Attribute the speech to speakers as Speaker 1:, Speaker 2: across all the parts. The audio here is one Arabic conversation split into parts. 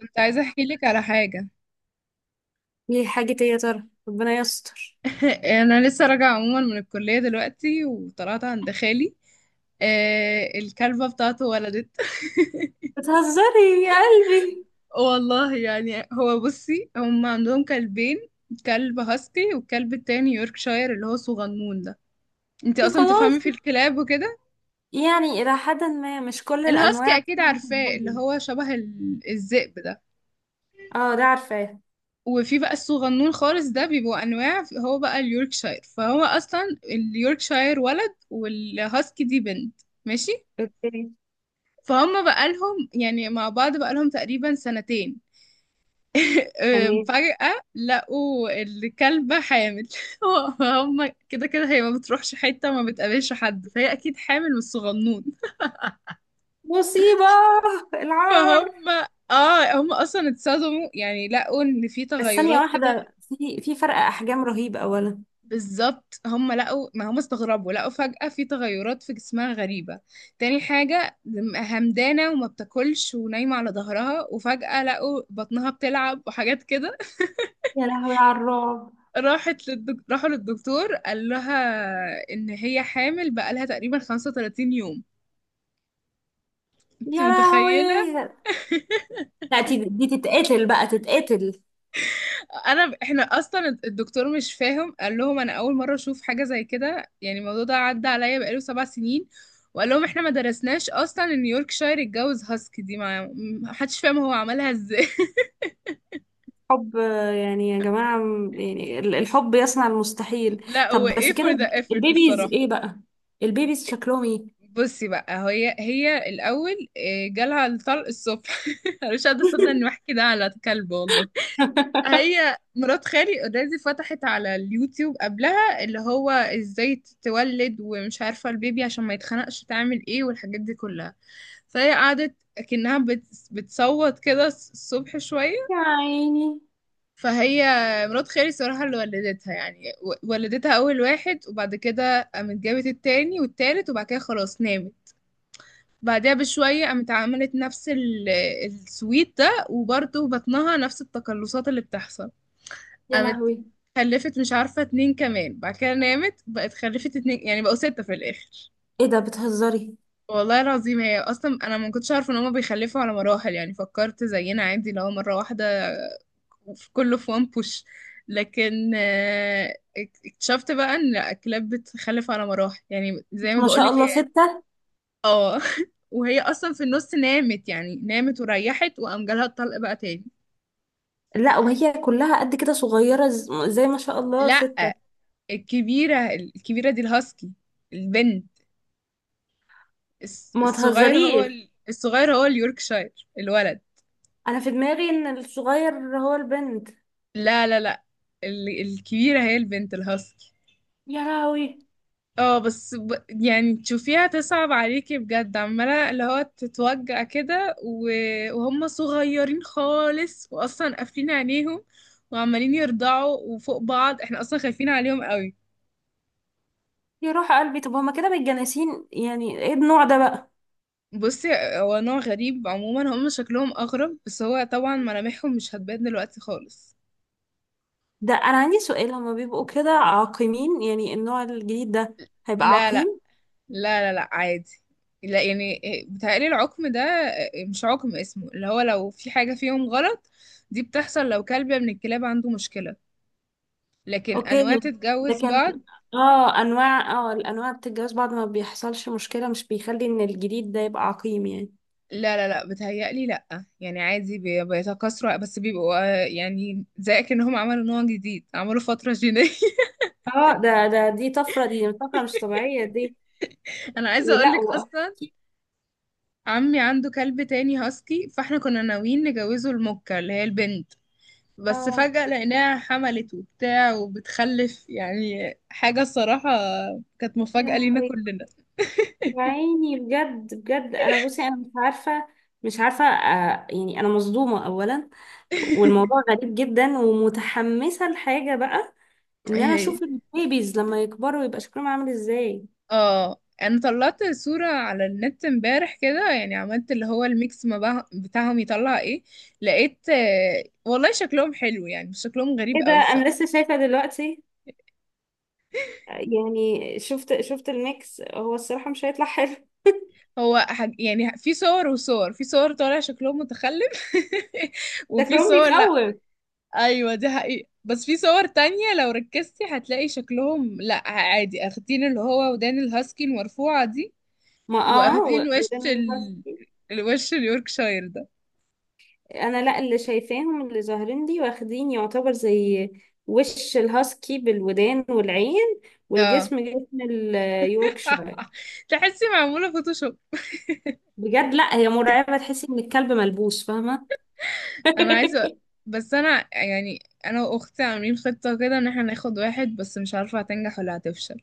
Speaker 1: كنت عايزة احكي لك على حاجة.
Speaker 2: ليه؟ حاجة ايه يا ترى؟ ربنا يستر.
Speaker 1: انا لسه راجعة عموما من الكلية دلوقتي وطلعت عند خالي. آه، الكلبة بتاعته ولدت.
Speaker 2: بتهزري يا قلبي؟
Speaker 1: والله يعني هو بصي، هم عندهم كلبين، كلب هاسكي والكلب التاني يوركشاير اللي هو صغنون ده. انتي
Speaker 2: يا
Speaker 1: اصلا تفهمي
Speaker 2: خلاص،
Speaker 1: في الكلاب وكده.
Speaker 2: يعني إلى حد ما مش كل
Speaker 1: الهاسكي
Speaker 2: الأنواع
Speaker 1: اكيد عارفاه اللي
Speaker 2: بحبهم.
Speaker 1: هو شبه الذئب ده.
Speaker 2: اه ده عارفاه.
Speaker 1: وفي بقى الصغنون خالص ده، بيبقوا انواع، هو بقى اليوركشاير، فهو اصلا اليوركشاير ولد والهاسكي دي بنت. ماشي.
Speaker 2: اوكي.
Speaker 1: فهم بقى لهم يعني مع بعض بقى لهم تقريبا سنتين.
Speaker 2: تمام.
Speaker 1: فجأة لقوا الكلبة حامل. فهم كده كده هي ما بتروحش حتة، ما بتقابلش حد، فهي أكيد حامل من الصغنون.
Speaker 2: مصيبة. العار.
Speaker 1: فهم، اه هم اصلا اتصدموا يعني، لقوا ان في
Speaker 2: بس ثانية
Speaker 1: تغيرات كده.
Speaker 2: واحدة، في فرق أحجام رهيب أولا.
Speaker 1: بالظبط، هم لقوا، ما هم استغربوا، لقوا فجأة في تغيرات في جسمها غريبة. تاني حاجة، همدانة وما بتاكلش ونايمة على ظهرها، وفجأة لقوا بطنها بتلعب وحاجات كده.
Speaker 2: يا لهوي على الرعب.
Speaker 1: راحوا للدكتور، قال لها ان هي حامل بقالها تقريبا 35 يوم. انت
Speaker 2: يا
Speaker 1: متخيلة؟
Speaker 2: لهوي، لا دي تتقتل بقى، تتقتل.
Speaker 1: احنا اصلا الدكتور مش فاهم، قال لهم انا اول مره اشوف حاجه زي كده، يعني الموضوع ده عدى عليا بقاله 7 سنين. وقال لهم احنا ما درسناش اصلا ان يوركشاير اتجوز هاسكي دي، ما حدش فاهم هو عملها ازاي.
Speaker 2: حب، يعني يا جماعة، الحب يصنع المستحيل.
Speaker 1: لا هو
Speaker 2: طب
Speaker 1: ايه،
Speaker 2: بس كده،
Speaker 1: فور ذا effort
Speaker 2: البيبيز
Speaker 1: الصراحه.
Speaker 2: ايه بقى؟ البيبيز شكلهم ايه؟
Speaker 1: بصي بقى هي الاول جالها الطلق الصبح. انا مش قادره اصدق اني بحكي ده على كلب والله. هي مرات خالي اوريدي فتحت على اليوتيوب قبلها، اللي هو ازاي تتولد ومش عارفة البيبي عشان ما يتخنقش تعمل ايه والحاجات دي كلها. فهي قعدت اكنها بتصوت كده الصبح شوية.
Speaker 2: يا عيني.
Speaker 1: فهي، مرات خالي صراحة اللي ولدتها، يعني ولدتها اول واحد، وبعد كده قامت جابت التاني والتالت، وبعد كده خلاص نامت. بعدها بشوية قامت عملت نفس السويت ده، وبرضه بطنها نفس التقلصات اللي بتحصل.
Speaker 2: يا
Speaker 1: قامت
Speaker 2: لهوي.
Speaker 1: خلفت مش عارفة اتنين كمان، بعد كده نامت، بقت خلفت اتنين، يعني بقوا ستة في الآخر.
Speaker 2: ايه ده، بتهزري؟
Speaker 1: والله العظيم، هي أصلا أنا ما كنتش عارفة إن هما بيخلفوا على مراحل، يعني فكرت زينا عادي لو مرة واحدة في كله، في وان بوش. لكن اكتشفت بقى إن لأ، الكلاب بتخلف على مراحل، يعني زي ما
Speaker 2: ما شاء
Speaker 1: بقولك هي.
Speaker 2: الله، ستة؟
Speaker 1: اه. وهي أصلا في النص نامت، يعني نامت وريحت وقام جالها الطلق بقى تاني.
Speaker 2: لا، وهي كلها قد كده صغيرة، زي ما شاء الله ستة؟
Speaker 1: لأ، الكبيرة، الكبيرة دي الهاسكي، البنت. الس-
Speaker 2: ما
Speaker 1: الصغير هو
Speaker 2: تهزريش.
Speaker 1: الصغير هو اليوركشاير، الولد.
Speaker 2: انا في دماغي ان الصغير هو البنت.
Speaker 1: لا لا لا، ال... الكبيرة هي البنت الهاسكي.
Speaker 2: يا لهوي.
Speaker 1: اه بس يعني تشوفيها تصعب عليكي بجد، عمالة اللي هو تتوجع كده و... وهم صغيرين خالص واصلا قافلين عينيهم، وعمالين يرضعوا وفوق بعض، احنا اصلا خايفين عليهم قوي.
Speaker 2: يا روح قلبي، طب هما كده متجانسين؟ يعني ايه النوع ده بقى؟
Speaker 1: بصي، هو نوع غريب عموما، هم شكلهم اغرب، بس هو طبعا ملامحهم مش هتبان دلوقتي خالص.
Speaker 2: ده انا عندي سؤال، هما بيبقوا كده عاقمين يعني النوع الجديد ده؟ هيبقى
Speaker 1: لا لا
Speaker 2: عقيم؟
Speaker 1: لا، لا لا عادي، لا يعني. بتهيألي العقم ده مش عقم اسمه، اللي هو لو في حاجة فيهم غلط، دي بتحصل لو كلب من الكلاب عنده مشكلة، لكن
Speaker 2: اوكي.
Speaker 1: أنواع تتجوز
Speaker 2: لكن
Speaker 1: بعض.
Speaker 2: اه، انواع، اه الانواع بتتجوز بعض ما بيحصلش مشكلة، مش بيخلي ان الجديد ده يبقى عقيم يعني.
Speaker 1: لا لا لا، بتهيألي لا يعني عادي، بيتكاثروا بس بيبقوا يعني زي كأنهم عملوا نوع جديد، عملوا فترة جينية.
Speaker 2: اه ده دي طفرة، دي طفرة مش طبيعية دي.
Speaker 1: أنا عايزة
Speaker 2: لا
Speaker 1: أقولك
Speaker 2: و-
Speaker 1: أصلا، عمي عنده كلب تاني هاسكي، فاحنا كنا ناويين نجوزه المكة اللي هي البنت، بس
Speaker 2: اه
Speaker 1: فجأة لقيناها حملت وبتاع وبتخلف، يعني حاجة الصراحة كانت
Speaker 2: يا
Speaker 1: مفاجأة لينا
Speaker 2: لهوي.
Speaker 1: كلنا.
Speaker 2: يا عيني بجد بجد، انا بصي انا مش عارفة، مش عارفة يعني انا مصدومة اولا، والموضوع غريب جدا، ومتحمسة لحاجة بقى،
Speaker 1: ايه
Speaker 2: ان انا
Speaker 1: هي.
Speaker 2: اشوف البيبيز لما يكبروا يبقى شكلهم عامل ازاي.
Speaker 1: اه، انا طلعت صورة على النت امبارح كده، يعني عملت اللي هو الميكس ما بها- بتاعهم يطلع ايه. لقيت والله شكلهم حلو يعني، مش شكلهم غريب
Speaker 2: ايه ده،
Speaker 1: قوي
Speaker 2: انا
Speaker 1: الصراحة.
Speaker 2: لسه شايفة دلوقتي. يعني شفت الميكس، هو الصراحة مش هيطلع حلو.
Speaker 1: هو يعني في صور وصور، في صور طالع شكلهم متخلف، وفي
Speaker 2: شكلهم
Speaker 1: صور.
Speaker 2: بيخوف.
Speaker 1: ايوه، دي حقيقة، بس في صور تانية لو ركزتي هتلاقي شكلهم لا عادي، اخدين اللي هو ودان الهاسكي المرفوعة دي،
Speaker 2: ما اه،
Speaker 1: واخدين وش
Speaker 2: وده اللي حصل
Speaker 1: ال...
Speaker 2: فيه.
Speaker 1: الوش اليوركشاير ده.
Speaker 2: انا لا، اللي شايفاهم اللي ظاهرين دي واخدين يعتبر زي وش الهاسكي بالودان والعين،
Speaker 1: اه.
Speaker 2: والجسم جسم اليوركشاير.
Speaker 1: تحسي معمولة فوتوشوب.
Speaker 2: بجد لا، هي مرعبة، تحسي ان الكلب ملبوس، فاهمة؟
Speaker 1: انا عايزة، بس انا يعني، انا واختي عاملين خطة كده ان احنا ناخد واحد، بس مش عارفة هتنجح ولا هتفشل.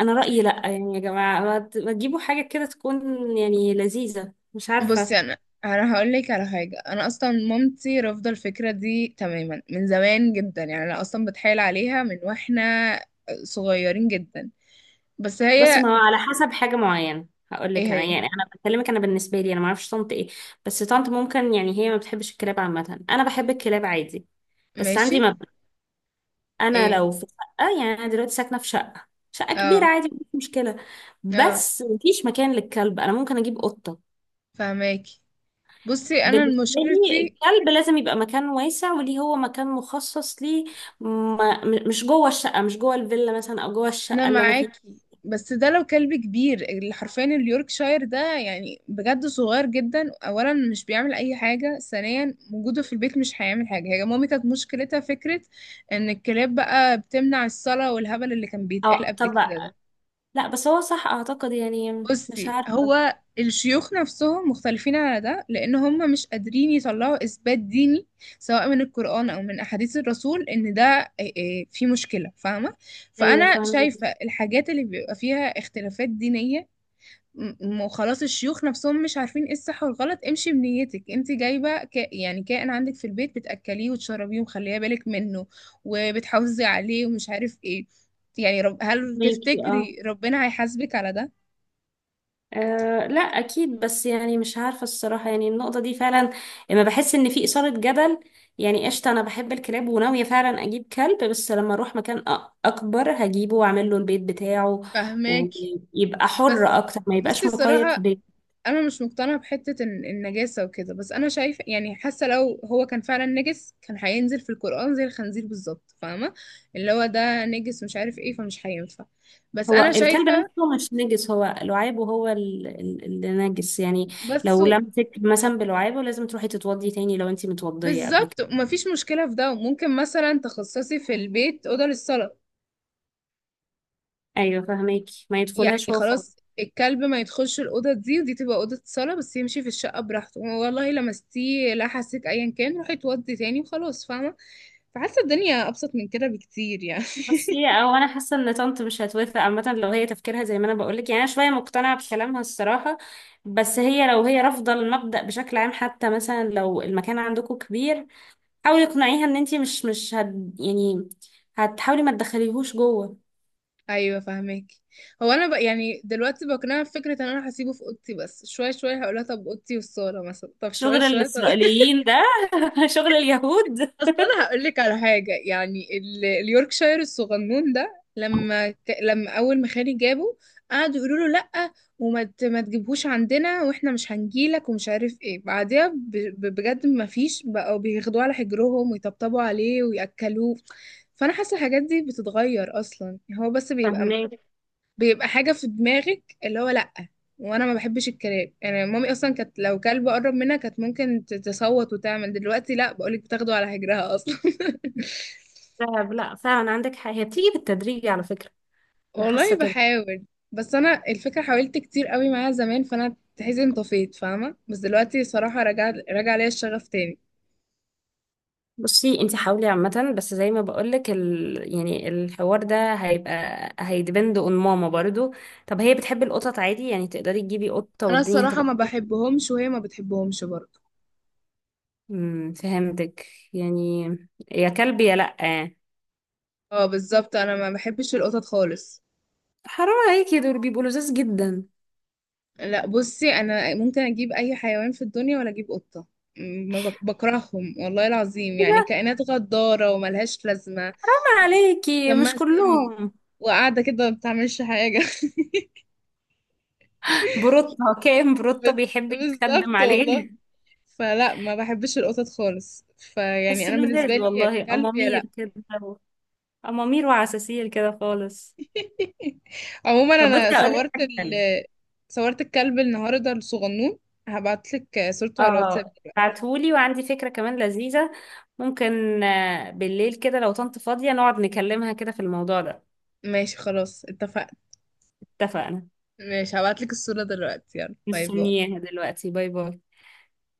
Speaker 2: انا رأيي لا، يعني يا جماعة، ما تجيبوا حاجة كده تكون يعني لذيذة، مش عارفة.
Speaker 1: بصي انا، انا هقول لك على حاجه، انا اصلا مامتي رافضه الفكره دي تماما من زمان جدا، يعني انا اصلا بتحايل عليها من واحنا صغيرين جدا، بس
Speaker 2: بصي، ما
Speaker 1: هي.
Speaker 2: هو على حسب حاجة معينة. هقول
Speaker 1: ايه
Speaker 2: لك انا،
Speaker 1: هي.
Speaker 2: يعني انا بكلمك، انا بالنسبة لي انا ما اعرفش طنط ايه، بس طنط ممكن، يعني هي ما بتحبش الكلاب عامة. انا بحب الكلاب عادي، بس
Speaker 1: ماشي.
Speaker 2: عندي مبدأ. انا
Speaker 1: ايه.
Speaker 2: لو في شقة، يعني انا دلوقتي ساكنة في شقة، شقة كبيرة
Speaker 1: اه،
Speaker 2: عادي مفيش مشكلة،
Speaker 1: اه.
Speaker 2: بس مفيش مكان للكلب، انا ممكن اجيب قطة.
Speaker 1: فهماكي. بصي انا
Speaker 2: بالنسبة لي
Speaker 1: مشكلتي.
Speaker 2: الكلب لازم يبقى مكان واسع، وليه هو مكان مخصص ليه. ما م- مش جوه الشقة، مش جوه الفيلا مثلا، او جوه
Speaker 1: انا
Speaker 2: الشقة اللي انا فيها.
Speaker 1: معاكي، بس ده لو كلب كبير، اللي حرفيا اليوركشاير ده يعني بجد صغير جدا، اولا مش بيعمل اي حاجه، ثانيا وجوده في البيت مش هيعمل حاجه. هي مامي كانت مشكلتها فكره ان الكلاب بقى بتمنع الصلاه، والهبل اللي كان بيتقال
Speaker 2: اه
Speaker 1: قبل
Speaker 2: طب،
Speaker 1: كده ده.
Speaker 2: لا بس هو صح اعتقد، يعني مش
Speaker 1: بصي،
Speaker 2: عارفة.
Speaker 1: هو الشيوخ نفسهم مختلفين على ده، لان هم مش قادرين يطلعوا اثبات ديني، سواء من القرآن او من احاديث الرسول، ان ده إيه، إيه في مشكلة، فاهمة؟
Speaker 2: ايوه
Speaker 1: فانا
Speaker 2: فاهمك.
Speaker 1: شايفة الحاجات اللي بيبقى فيها اختلافات دينية، م- خلاص الشيوخ نفسهم مش عارفين ايه الصح والغلط، امشي بنيتك. انت جايبة يعني كائن عندك في البيت، بتأكليه وتشربيه ومخليه بالك منه وبتحافظي عليه ومش عارف ايه، يعني هل
Speaker 2: ماكي اه،
Speaker 1: تفتكري ربنا هيحاسبك على ده؟
Speaker 2: لا اكيد، بس يعني مش عارفه الصراحه، يعني النقطه دي فعلا لما بحس ان في اثاره جدل. يعني قشطه، انا بحب الكلاب وناويه فعلا اجيب كلب، بس لما اروح مكان اكبر هجيبه واعمل له البيت بتاعه،
Speaker 1: فهماك.
Speaker 2: ويبقى حر
Speaker 1: بس
Speaker 2: اكتر، ما
Speaker 1: بصي
Speaker 2: يبقاش مقيد في
Speaker 1: الصراحة،
Speaker 2: بيت.
Speaker 1: أنا مش مقتنعة بحتة النجاسة وكده، بس أنا شايفة يعني، حاسة لو هو كان فعلا نجس كان هينزل في القرآن زي الخنزير بالظبط، فاهمة؟ اللي هو ده نجس مش عارف ايه، فمش هينفع. بس
Speaker 2: هو
Speaker 1: أنا
Speaker 2: الكلب
Speaker 1: شايفة،
Speaker 2: نفسه مش نجس، هو لعابه هو اللي نجس يعني.
Speaker 1: بس.
Speaker 2: لو لمسك مثلا بلعابه لازم تروحي تتوضي تاني لو انتي متوضيه قبل
Speaker 1: بالظبط،
Speaker 2: كده.
Speaker 1: ومفيش مشكلة في ده، ممكن مثلا تخصصي في البيت أوضة للصلاة،
Speaker 2: ايوه فاهماكي، ما يدخلهاش
Speaker 1: يعني
Speaker 2: هو.
Speaker 1: خلاص الكلب ما يدخلش الأوضة دي، ودي تبقى أوضة صلاة، بس يمشي في الشقة براحته. والله لمستيه لحسك أيا كان، روحي تودي تاني وخلاص، فاهمة؟ فحاسة الدنيا أبسط من كده بكتير يعني.
Speaker 2: بصي، او انا حاسه ان طنط مش هتوافق عامه، لو هي تفكيرها زي ما انا بقولك، يعني انا شويه مقتنعه بكلامها الصراحه. بس هي لو هي رافضه المبدا بشكل عام، حتى مثلا لو المكان عندكم كبير، حاولي اقنعيها ان انتي مش هت، يعني هتحاولي ما تدخليهوش جوه.
Speaker 1: ايوه فاهمك. هو انا بقى يعني دلوقتي بقنعها بفكره ان انا هسيبه في اوضتي، بس شويه شويه هقولها طب اوضتي والصاله مثلا، طب شويه
Speaker 2: شغل
Speaker 1: شويه، طب.
Speaker 2: الاسرائيليين ده. شغل اليهود.
Speaker 1: اصل انا هقول لك على حاجه، يعني اليوركشاير الصغنون ده، لما لما اول ما خالي جابه، قعدوا يقولوا له لا، وما ما تجيبهوش عندنا، واحنا مش هنجيلك ومش عارف ايه، بعدها بجد ما فيش، بقوا بياخدوه على حجرهم ويطبطبوا عليه وياكلوه. فانا حاسه الحاجات دي بتتغير اصلا، هو بس بيبقى،
Speaker 2: فهماك.
Speaker 1: بيبقى حاجة في دماغك اللي هو لأ. وانا ما بحبش الكلاب، يعني مامي اصلا كانت لو كلب قرب منها كانت ممكن تصوت وتعمل، دلوقتي لأ، بقولك بتاخده على هجرها اصلا.
Speaker 2: لا، لا، فعلا عندك حق، هي بتيجي بالتدريج على فكره. انا
Speaker 1: والله
Speaker 2: حاسه كده.
Speaker 1: بحاول. بس انا الفكرة حاولت كتير قوي معاها زمان، فانا تحسي انطفيت فاهمة، بس دلوقتي صراحة رجع ليا الشغف تاني.
Speaker 2: بصي انت حاولي عامة، بس زي ما بقولك يعني الحوار ده هيبقى، هيدبند اون ماما برضو. طب هي بتحب القطط عادي؟ يعني تقدري تجيبي قطة
Speaker 1: انا
Speaker 2: والدنيا
Speaker 1: الصراحة
Speaker 2: هتبقى.
Speaker 1: ما بحبهمش، وهي ما بتحبهمش برضه.
Speaker 2: فهمتك. يعني يا كلب يا لأ.
Speaker 1: اه بالظبط، انا ما بحبش القطط خالص.
Speaker 2: حرام عليكي، دول بيبقوا لذاذ جدا.
Speaker 1: لا بصي، انا ممكن اجيب اي حيوان في الدنيا ولا اجيب قطه، ما بكرههم والله العظيم، يعني
Speaker 2: حرام
Speaker 1: كائنات غداره وملهاش لازمه،
Speaker 2: عليكي، مش
Speaker 1: دمها سم،
Speaker 2: كلهم.
Speaker 1: وقاعده كده ما بتعملش حاجه.
Speaker 2: بروتة. كام بروتة
Speaker 1: بس-
Speaker 2: بيحب يتخدم
Speaker 1: بالظبط والله.
Speaker 2: عليه.
Speaker 1: فلا، ما بحبش القطط خالص، فيعني
Speaker 2: بس
Speaker 1: انا بالنسبه
Speaker 2: لذاذ
Speaker 1: لي يا
Speaker 2: والله،
Speaker 1: كلب يا لا.
Speaker 2: أمامير كده، أمامير وعساسير كده خالص.
Speaker 1: عموما
Speaker 2: طب بصي
Speaker 1: انا
Speaker 2: أقولك
Speaker 1: صورت
Speaker 2: حاجة
Speaker 1: ال
Speaker 2: حلوة.
Speaker 1: صورت الكلب النهارده الصغنون، هبعتلك صورته على الواتساب.
Speaker 2: اه بعتهولي، وعندي فكرة كمان لذيذة. ممكن بالليل كده لو طنط فاضية نقعد نكلمها كده في الموضوع ده.
Speaker 1: ماشي خلاص، اتفقنا.
Speaker 2: اتفقنا.
Speaker 1: ماشي، هبعتلك الصورة دلوقتي، يلا باي باي.
Speaker 2: مستنياها دلوقتي، باي باي.